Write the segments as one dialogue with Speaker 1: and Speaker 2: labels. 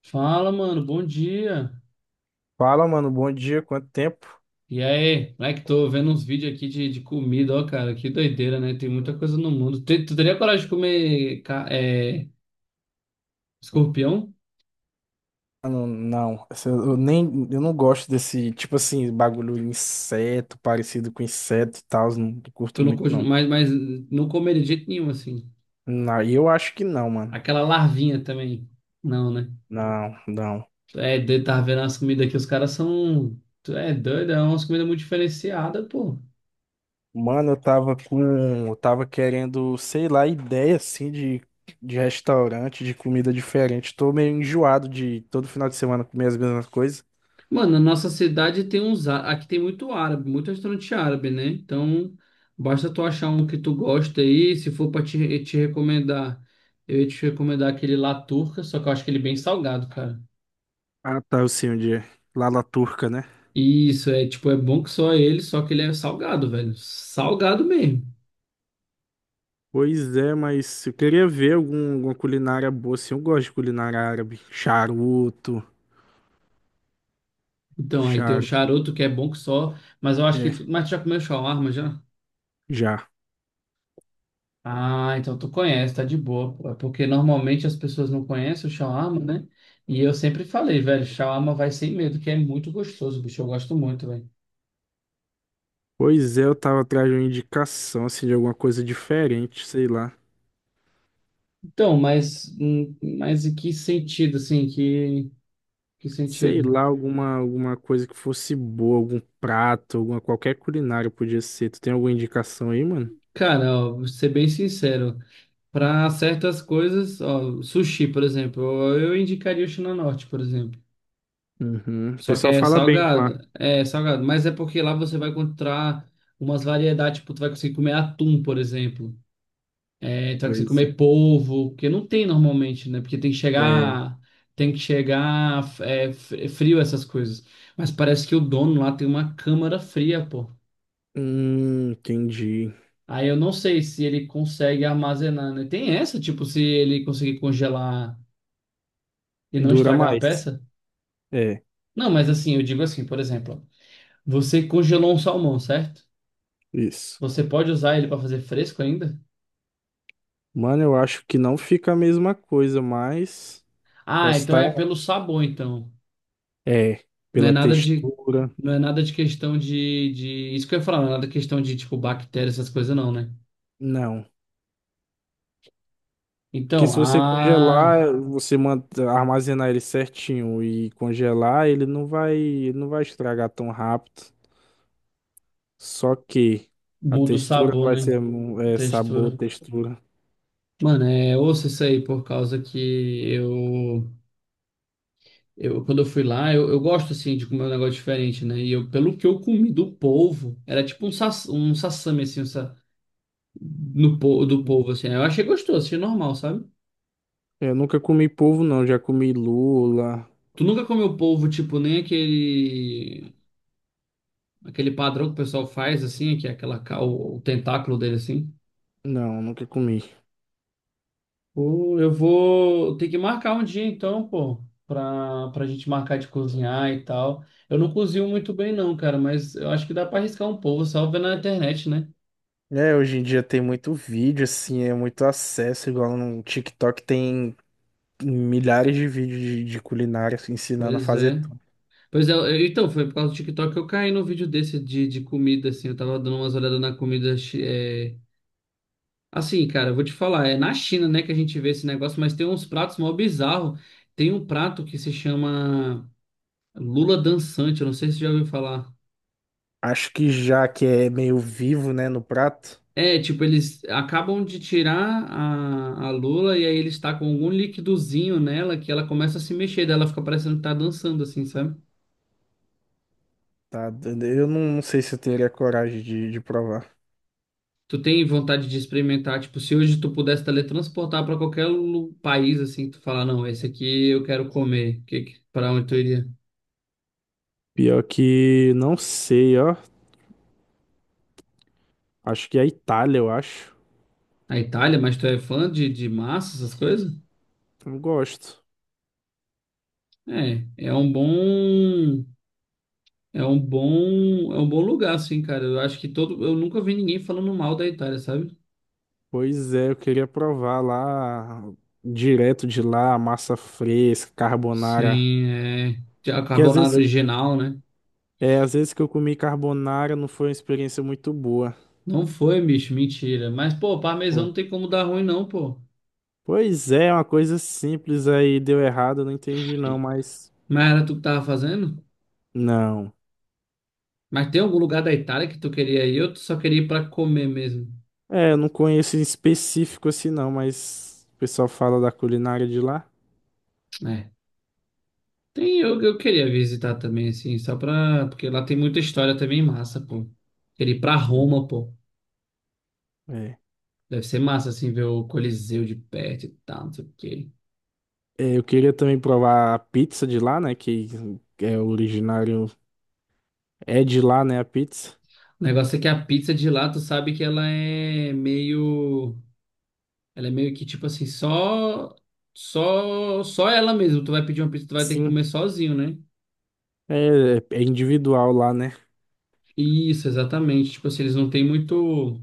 Speaker 1: Fala, mano, bom dia.
Speaker 2: Fala, mano, bom dia, quanto tempo?
Speaker 1: E aí, moleque, tô vendo uns vídeos aqui de comida, ó, cara, que doideira, né? Tem muita coisa no mundo. Tu teria coragem de comer escorpião?
Speaker 2: Mano, não, eu não gosto desse, tipo assim, bagulho inseto, parecido com inseto e tal, não, curto
Speaker 1: Tu não,
Speaker 2: muito não.
Speaker 1: mas não comeria de jeito nenhum, assim.
Speaker 2: Não, e eu acho que não, mano.
Speaker 1: Aquela larvinha também. Não, né?
Speaker 2: Não, não.
Speaker 1: Tu É, de tava vendo as comidas aqui, os caras são. Tu é doido, é umas comidas muito diferenciadas, pô.
Speaker 2: Mano, eu tava querendo, sei lá, ideia assim de restaurante, de comida diferente. Tô meio enjoado de todo final de semana comer as mesmas coisas.
Speaker 1: Mano, a nossa cidade tem uns. Aqui tem muito árabe, muito restaurante árabe, né? Então, basta tu achar um que tu gosta aí. Se for pra te recomendar, eu ia te recomendar aquele lá Turca, só que eu acho que ele é bem salgado, cara.
Speaker 2: Ah, tá, eu sei onde é. Lá na Turca, né?
Speaker 1: Isso, é tipo, é bom que só ele, só que ele é salgado, velho. Salgado mesmo.
Speaker 2: Pois é, mas eu queria ver alguma culinária boa, assim. Eu gosto de culinária árabe. Charuto,
Speaker 1: Então, aí tem um
Speaker 2: charuto,
Speaker 1: charuto que é bom que só. Mas eu acho que.
Speaker 2: é,
Speaker 1: Tu, mas tu já comeu shawarma já?
Speaker 2: já.
Speaker 1: Ah, então tu conhece, tá de boa, pô. É porque normalmente as pessoas não conhecem o shawarma, né? E eu sempre falei, velho, shawarma vai sem medo, que é muito gostoso, bicho, eu gosto muito, velho.
Speaker 2: Pois é, eu tava atrás de uma indicação, assim, de alguma coisa diferente, sei lá.
Speaker 1: Então, mas em que sentido, assim, que
Speaker 2: Sei
Speaker 1: sentido?
Speaker 2: lá, alguma coisa que fosse boa, algum prato, alguma, qualquer culinária podia ser. Tu tem alguma indicação aí, mano?
Speaker 1: Cara, ó, vou ser bem sincero, para certas coisas, ó, sushi, por exemplo, eu indicaria o China Norte, por exemplo.
Speaker 2: Uhum. O
Speaker 1: Só que
Speaker 2: pessoal fala bem de lá.
Speaker 1: é salgado, mas é porque lá você vai encontrar umas variedades, tipo, tu vai conseguir comer atum, por exemplo. É, então, que você
Speaker 2: Pois é.
Speaker 1: comer polvo, porque não tem normalmente, né? Porque tem que
Speaker 2: É.
Speaker 1: chegar, é frio essas coisas. Mas parece que o dono lá tem uma câmara fria, pô.
Speaker 2: Entendi.
Speaker 1: Aí eu não sei se ele consegue armazenar, né? Tem essa, tipo, se ele conseguir congelar e não
Speaker 2: Dura
Speaker 1: estragar a
Speaker 2: mais.
Speaker 1: peça?
Speaker 2: É,
Speaker 1: Não, mas assim, eu digo assim, por exemplo, ó, você congelou um salmão, certo?
Speaker 2: isso.
Speaker 1: Você pode usar ele para fazer fresco ainda?
Speaker 2: Mano, eu acho que não fica a mesma coisa, mas
Speaker 1: Ah,
Speaker 2: posso
Speaker 1: então
Speaker 2: estar
Speaker 1: é pelo
Speaker 2: errado.
Speaker 1: sabor, então.
Speaker 2: É,
Speaker 1: Não é
Speaker 2: pela
Speaker 1: nada de,
Speaker 2: textura.
Speaker 1: não é nada de questão de, isso que eu ia falar, não é nada de questão de, tipo, bactéria, essas coisas não, né?
Speaker 2: Não. Porque
Speaker 1: Então,
Speaker 2: se você
Speaker 1: ah,
Speaker 2: congelar, você manda, armazenar ele certinho e congelar, ele não vai estragar tão rápido. Só que a
Speaker 1: muda o
Speaker 2: textura não
Speaker 1: sabor,
Speaker 2: vai
Speaker 1: né?
Speaker 2: ser é, sabor,
Speaker 1: Textura.
Speaker 2: textura.
Speaker 1: Mano, ouça isso aí, por causa que eu, eu quando eu fui lá, eu gosto, assim, de comer um negócio diferente, né? E eu, pelo que eu comi do polvo, era tipo um, um sassame, assim, um sa, no, po- do polvo, assim. Eu achei gostoso, achei normal, sabe?
Speaker 2: Eu nunca comi polvo, não. Já comi lula.
Speaker 1: Tu nunca comeu polvo, tipo, nem aquele padrão que o pessoal faz, assim, que é aquela, o tentáculo dele, assim.
Speaker 2: Não, nunca comi.
Speaker 1: Pô, eu vou ter que marcar um dia, então, pô, pra gente marcar de cozinhar e tal. Eu não cozinho muito bem, não, cara, mas eu acho que dá pra arriscar um pouco, só vendo na internet, né?
Speaker 2: É, hoje em dia tem muito vídeo, assim, é muito acesso, igual no TikTok tem milhares de vídeos de culinária assim, ensinando a
Speaker 1: Pois
Speaker 2: fazer
Speaker 1: é.
Speaker 2: tudo.
Speaker 1: Pois é, então, foi por causa do TikTok que eu caí num vídeo desse de comida, assim. Eu tava dando umas olhadas na comida. Assim, cara, eu vou te falar, é na China, né, que a gente vê esse negócio, mas tem uns pratos mó bizarro. Tem um prato que se chama Lula Dançante, eu não sei se você já ouviu falar.
Speaker 2: Acho que já que é meio vivo, né, no prato,
Speaker 1: É, tipo, eles acabam de tirar a lula e aí ele está com algum liquidozinho nela que ela começa a se mexer, daí ela fica parecendo que tá dançando, assim, sabe?
Speaker 2: tá? Eu não sei se eu teria coragem de provar.
Speaker 1: Tu tem vontade de experimentar, tipo, se hoje tu pudesse teletransportar para qualquer país, assim, tu falar, não, esse aqui eu quero comer, pra onde tu iria?
Speaker 2: Pior que não sei, ó. Acho que é a Itália, eu acho.
Speaker 1: A Itália, mas tu é fã de massa, essas coisas?
Speaker 2: Eu gosto.
Speaker 1: É, é um bom. É um bom, é um bom lugar, assim, cara. Eu acho que todo, eu nunca vi ninguém falando mal da Itália, sabe?
Speaker 2: Pois é, eu queria provar lá direto de lá, massa fresca, carbonara.
Speaker 1: Sim, é a
Speaker 2: Porque às
Speaker 1: carbonara
Speaker 2: vezes,
Speaker 1: original, né?
Speaker 2: é, às vezes que eu comi carbonara não foi uma experiência muito boa.
Speaker 1: Não foi, bicho, mentira. Mas pô, parmesão não tem como dar ruim não, pô.
Speaker 2: Pois é, é uma coisa simples aí deu errado, eu não entendi não, mas
Speaker 1: Mas era tu que tava fazendo?
Speaker 2: não.
Speaker 1: Mas tem algum lugar da Itália que tu queria ir? Eu só queria ir pra comer mesmo.
Speaker 2: É, eu não conheço em específico assim não, mas o pessoal fala da culinária de lá.
Speaker 1: É. Eu queria visitar também, assim, só pra. Porque lá tem muita história também massa, pô. Queria ir pra
Speaker 2: É.
Speaker 1: Roma, pô.
Speaker 2: É.
Speaker 1: Deve ser massa, assim, ver o Coliseu de perto e tal, não sei o quê.
Speaker 2: É, eu queria também provar a pizza de lá, né, que é originário, é de lá, né, a pizza.
Speaker 1: O negócio é que a pizza de lá, tu sabe que ela é meio. Ela é meio que tipo assim, só. Só ela mesmo. Tu vai pedir uma pizza, tu vai ter que
Speaker 2: Sim.
Speaker 1: comer sozinho, né?
Speaker 2: É, é individual lá, né?
Speaker 1: Isso, exatamente. Tipo assim, eles não têm muito.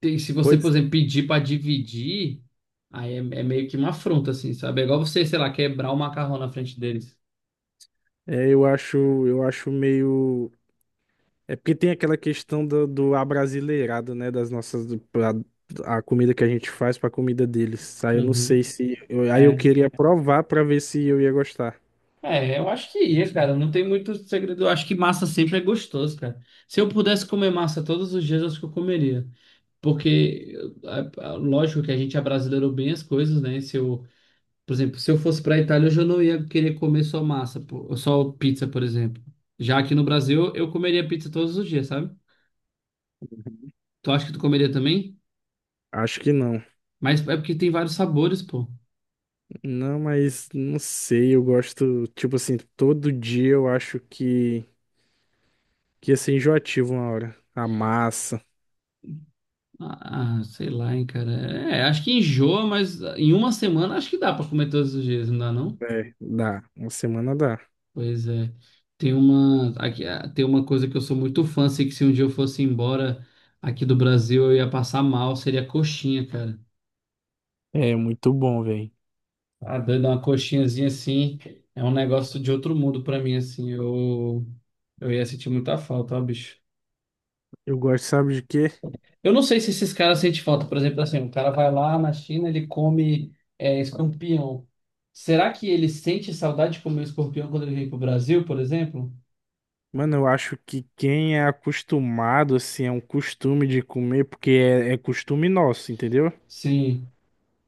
Speaker 1: Se você, por
Speaker 2: Pois
Speaker 1: exemplo, pedir pra dividir, aí é meio que uma afronta, assim, sabe? É igual você, sei lá, quebrar o macarrão na frente deles.
Speaker 2: é, eu acho meio. É porque tem aquela questão do, do abrasileirado, né? Das nossas. A comida que a gente faz pra comida deles. Aí eu não
Speaker 1: Uhum.
Speaker 2: sei se. Aí eu
Speaker 1: É.
Speaker 2: queria provar pra ver se eu ia gostar.
Speaker 1: É, eu acho que ia, cara. Não tem muito segredo. Eu acho que massa sempre é gostoso, cara. Se eu pudesse comer massa todos os dias, eu acho que eu comeria, porque lógico que a gente abrasileirou bem as coisas, né? Se eu, por exemplo, se eu fosse para a Itália, eu já não ia querer comer só massa, pô, só pizza, por exemplo. Já aqui no Brasil, eu comeria pizza todos os dias, sabe? Tu acha que tu comeria também?
Speaker 2: Acho que não.
Speaker 1: Mas é porque tem vários sabores, pô.
Speaker 2: Não, mas não sei. Eu gosto. Tipo assim, todo dia eu acho que ia ser enjoativo uma hora. A massa.
Speaker 1: Ah, sei lá, hein, cara. É, acho que enjoa, mas em uma semana acho que dá para comer todos os dias, não dá, não?
Speaker 2: É, dá. Uma semana dá.
Speaker 1: Pois é. Tem uma coisa que eu sou muito fã, assim, que se um dia eu fosse embora aqui do Brasil, eu ia passar mal, seria coxinha, cara.
Speaker 2: É muito bom, velho.
Speaker 1: Ah, doido, é uma coxinhazinha assim, é um negócio de outro mundo pra mim, assim. Eu ia sentir muita falta, ó, bicho.
Speaker 2: Eu gosto, sabe de quê?
Speaker 1: Eu não sei se esses caras sentem falta, por exemplo, assim, o cara vai lá na China, ele come escorpião. Será que ele sente saudade de comer escorpião quando ele vem pro Brasil, por exemplo?
Speaker 2: Mano, eu acho que quem é acostumado, assim, é um costume de comer, porque é, é costume nosso, entendeu?
Speaker 1: Sim.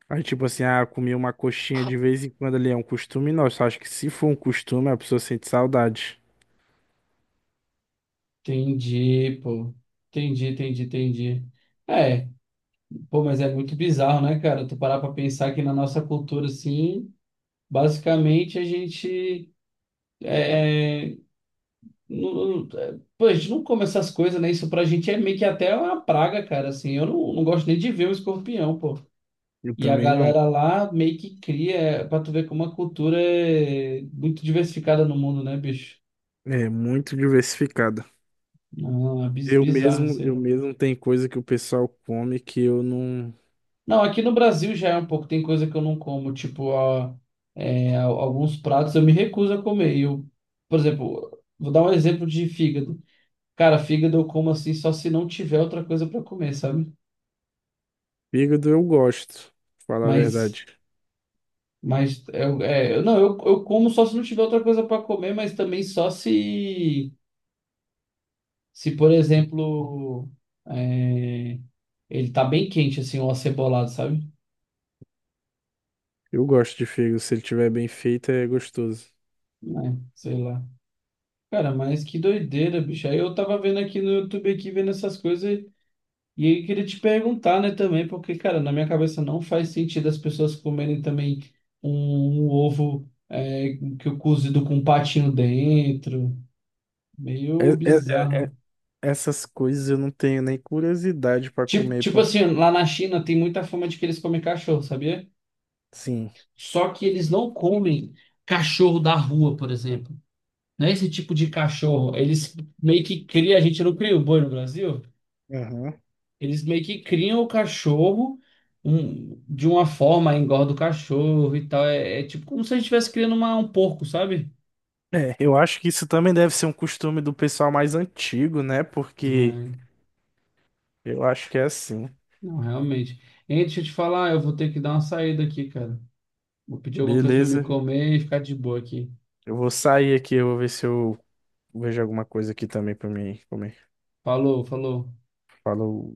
Speaker 2: Aí, tipo assim, ah, comer uma coxinha de vez em quando ali é um costume nosso. Acho que se for um costume, a pessoa sente saudade.
Speaker 1: Entendi, pô. Entendi, entendi, entendi. É, pô, mas é muito bizarro, né, cara? Tu parar pra pensar que na nossa cultura, assim, basicamente a gente. Não, é, pô, a gente não come essas coisas, né? Isso pra gente é meio que até uma praga, cara, assim. Eu não gosto nem de ver um escorpião, pô.
Speaker 2: Eu
Speaker 1: E a
Speaker 2: também não.
Speaker 1: galera lá meio que cria, pra tu ver como a cultura é muito diversificada no mundo, né, bicho?
Speaker 2: É muito diversificada.
Speaker 1: Não, é
Speaker 2: Eu
Speaker 1: bizarro
Speaker 2: mesmo,
Speaker 1: isso
Speaker 2: eu
Speaker 1: aí.
Speaker 2: mesmo tem coisa que o pessoal come que eu não.
Speaker 1: Não, aqui no Brasil já é um pouco, tem coisa que eu não como, tipo, alguns pratos eu me recuso a comer. E eu, por exemplo, vou dar um exemplo de fígado. Cara, fígado eu como assim só se não tiver outra coisa pra comer, sabe?
Speaker 2: Fígado eu gosto, pra falar a
Speaker 1: Mas,
Speaker 2: verdade.
Speaker 1: mas não, eu como só se não tiver outra coisa pra comer, mas também só se por exemplo, é, ele tá bem quente, assim, ou acebolado, sabe?
Speaker 2: Eu gosto de fígado, se ele tiver bem feito, é gostoso.
Speaker 1: É, sei lá. Cara, mas que doideira, bicho. Aí eu tava vendo aqui no YouTube, aqui, vendo essas coisas, e aí queria te perguntar, né, também, porque, cara, na minha cabeça não faz sentido as pessoas comerem também um ovo é, que eu cozido com um patinho dentro.
Speaker 2: É,
Speaker 1: Meio
Speaker 2: é,
Speaker 1: bizarro.
Speaker 2: é, Essas coisas eu não tenho nem curiosidade pra
Speaker 1: Tipo,
Speaker 2: comer,
Speaker 1: tipo
Speaker 2: pô.
Speaker 1: assim, lá na China tem muita fama de que eles comem cachorro, sabia?
Speaker 2: Sim.
Speaker 1: Só que eles não comem cachorro da rua, por exemplo. Não é esse tipo de cachorro. Eles meio que criam, a gente não cria o boi no Brasil?
Speaker 2: Aham.
Speaker 1: Eles meio que criam o cachorro de uma forma, engorda o cachorro e tal. É, é tipo como se a gente estivesse criando um porco, sabe?
Speaker 2: É, eu acho que isso também deve ser um costume do pessoal mais antigo, né? Porque
Speaker 1: É,
Speaker 2: eu acho que é assim.
Speaker 1: não, realmente. Hein, deixa eu te falar, eu vou ter que dar uma saída aqui, cara. Vou pedir alguma coisa pra me
Speaker 2: Beleza,
Speaker 1: comer e ficar de boa aqui.
Speaker 2: eu vou sair aqui, eu vou ver se eu vejo alguma coisa aqui também pra mim comer.
Speaker 1: Falou, falou.
Speaker 2: Falou.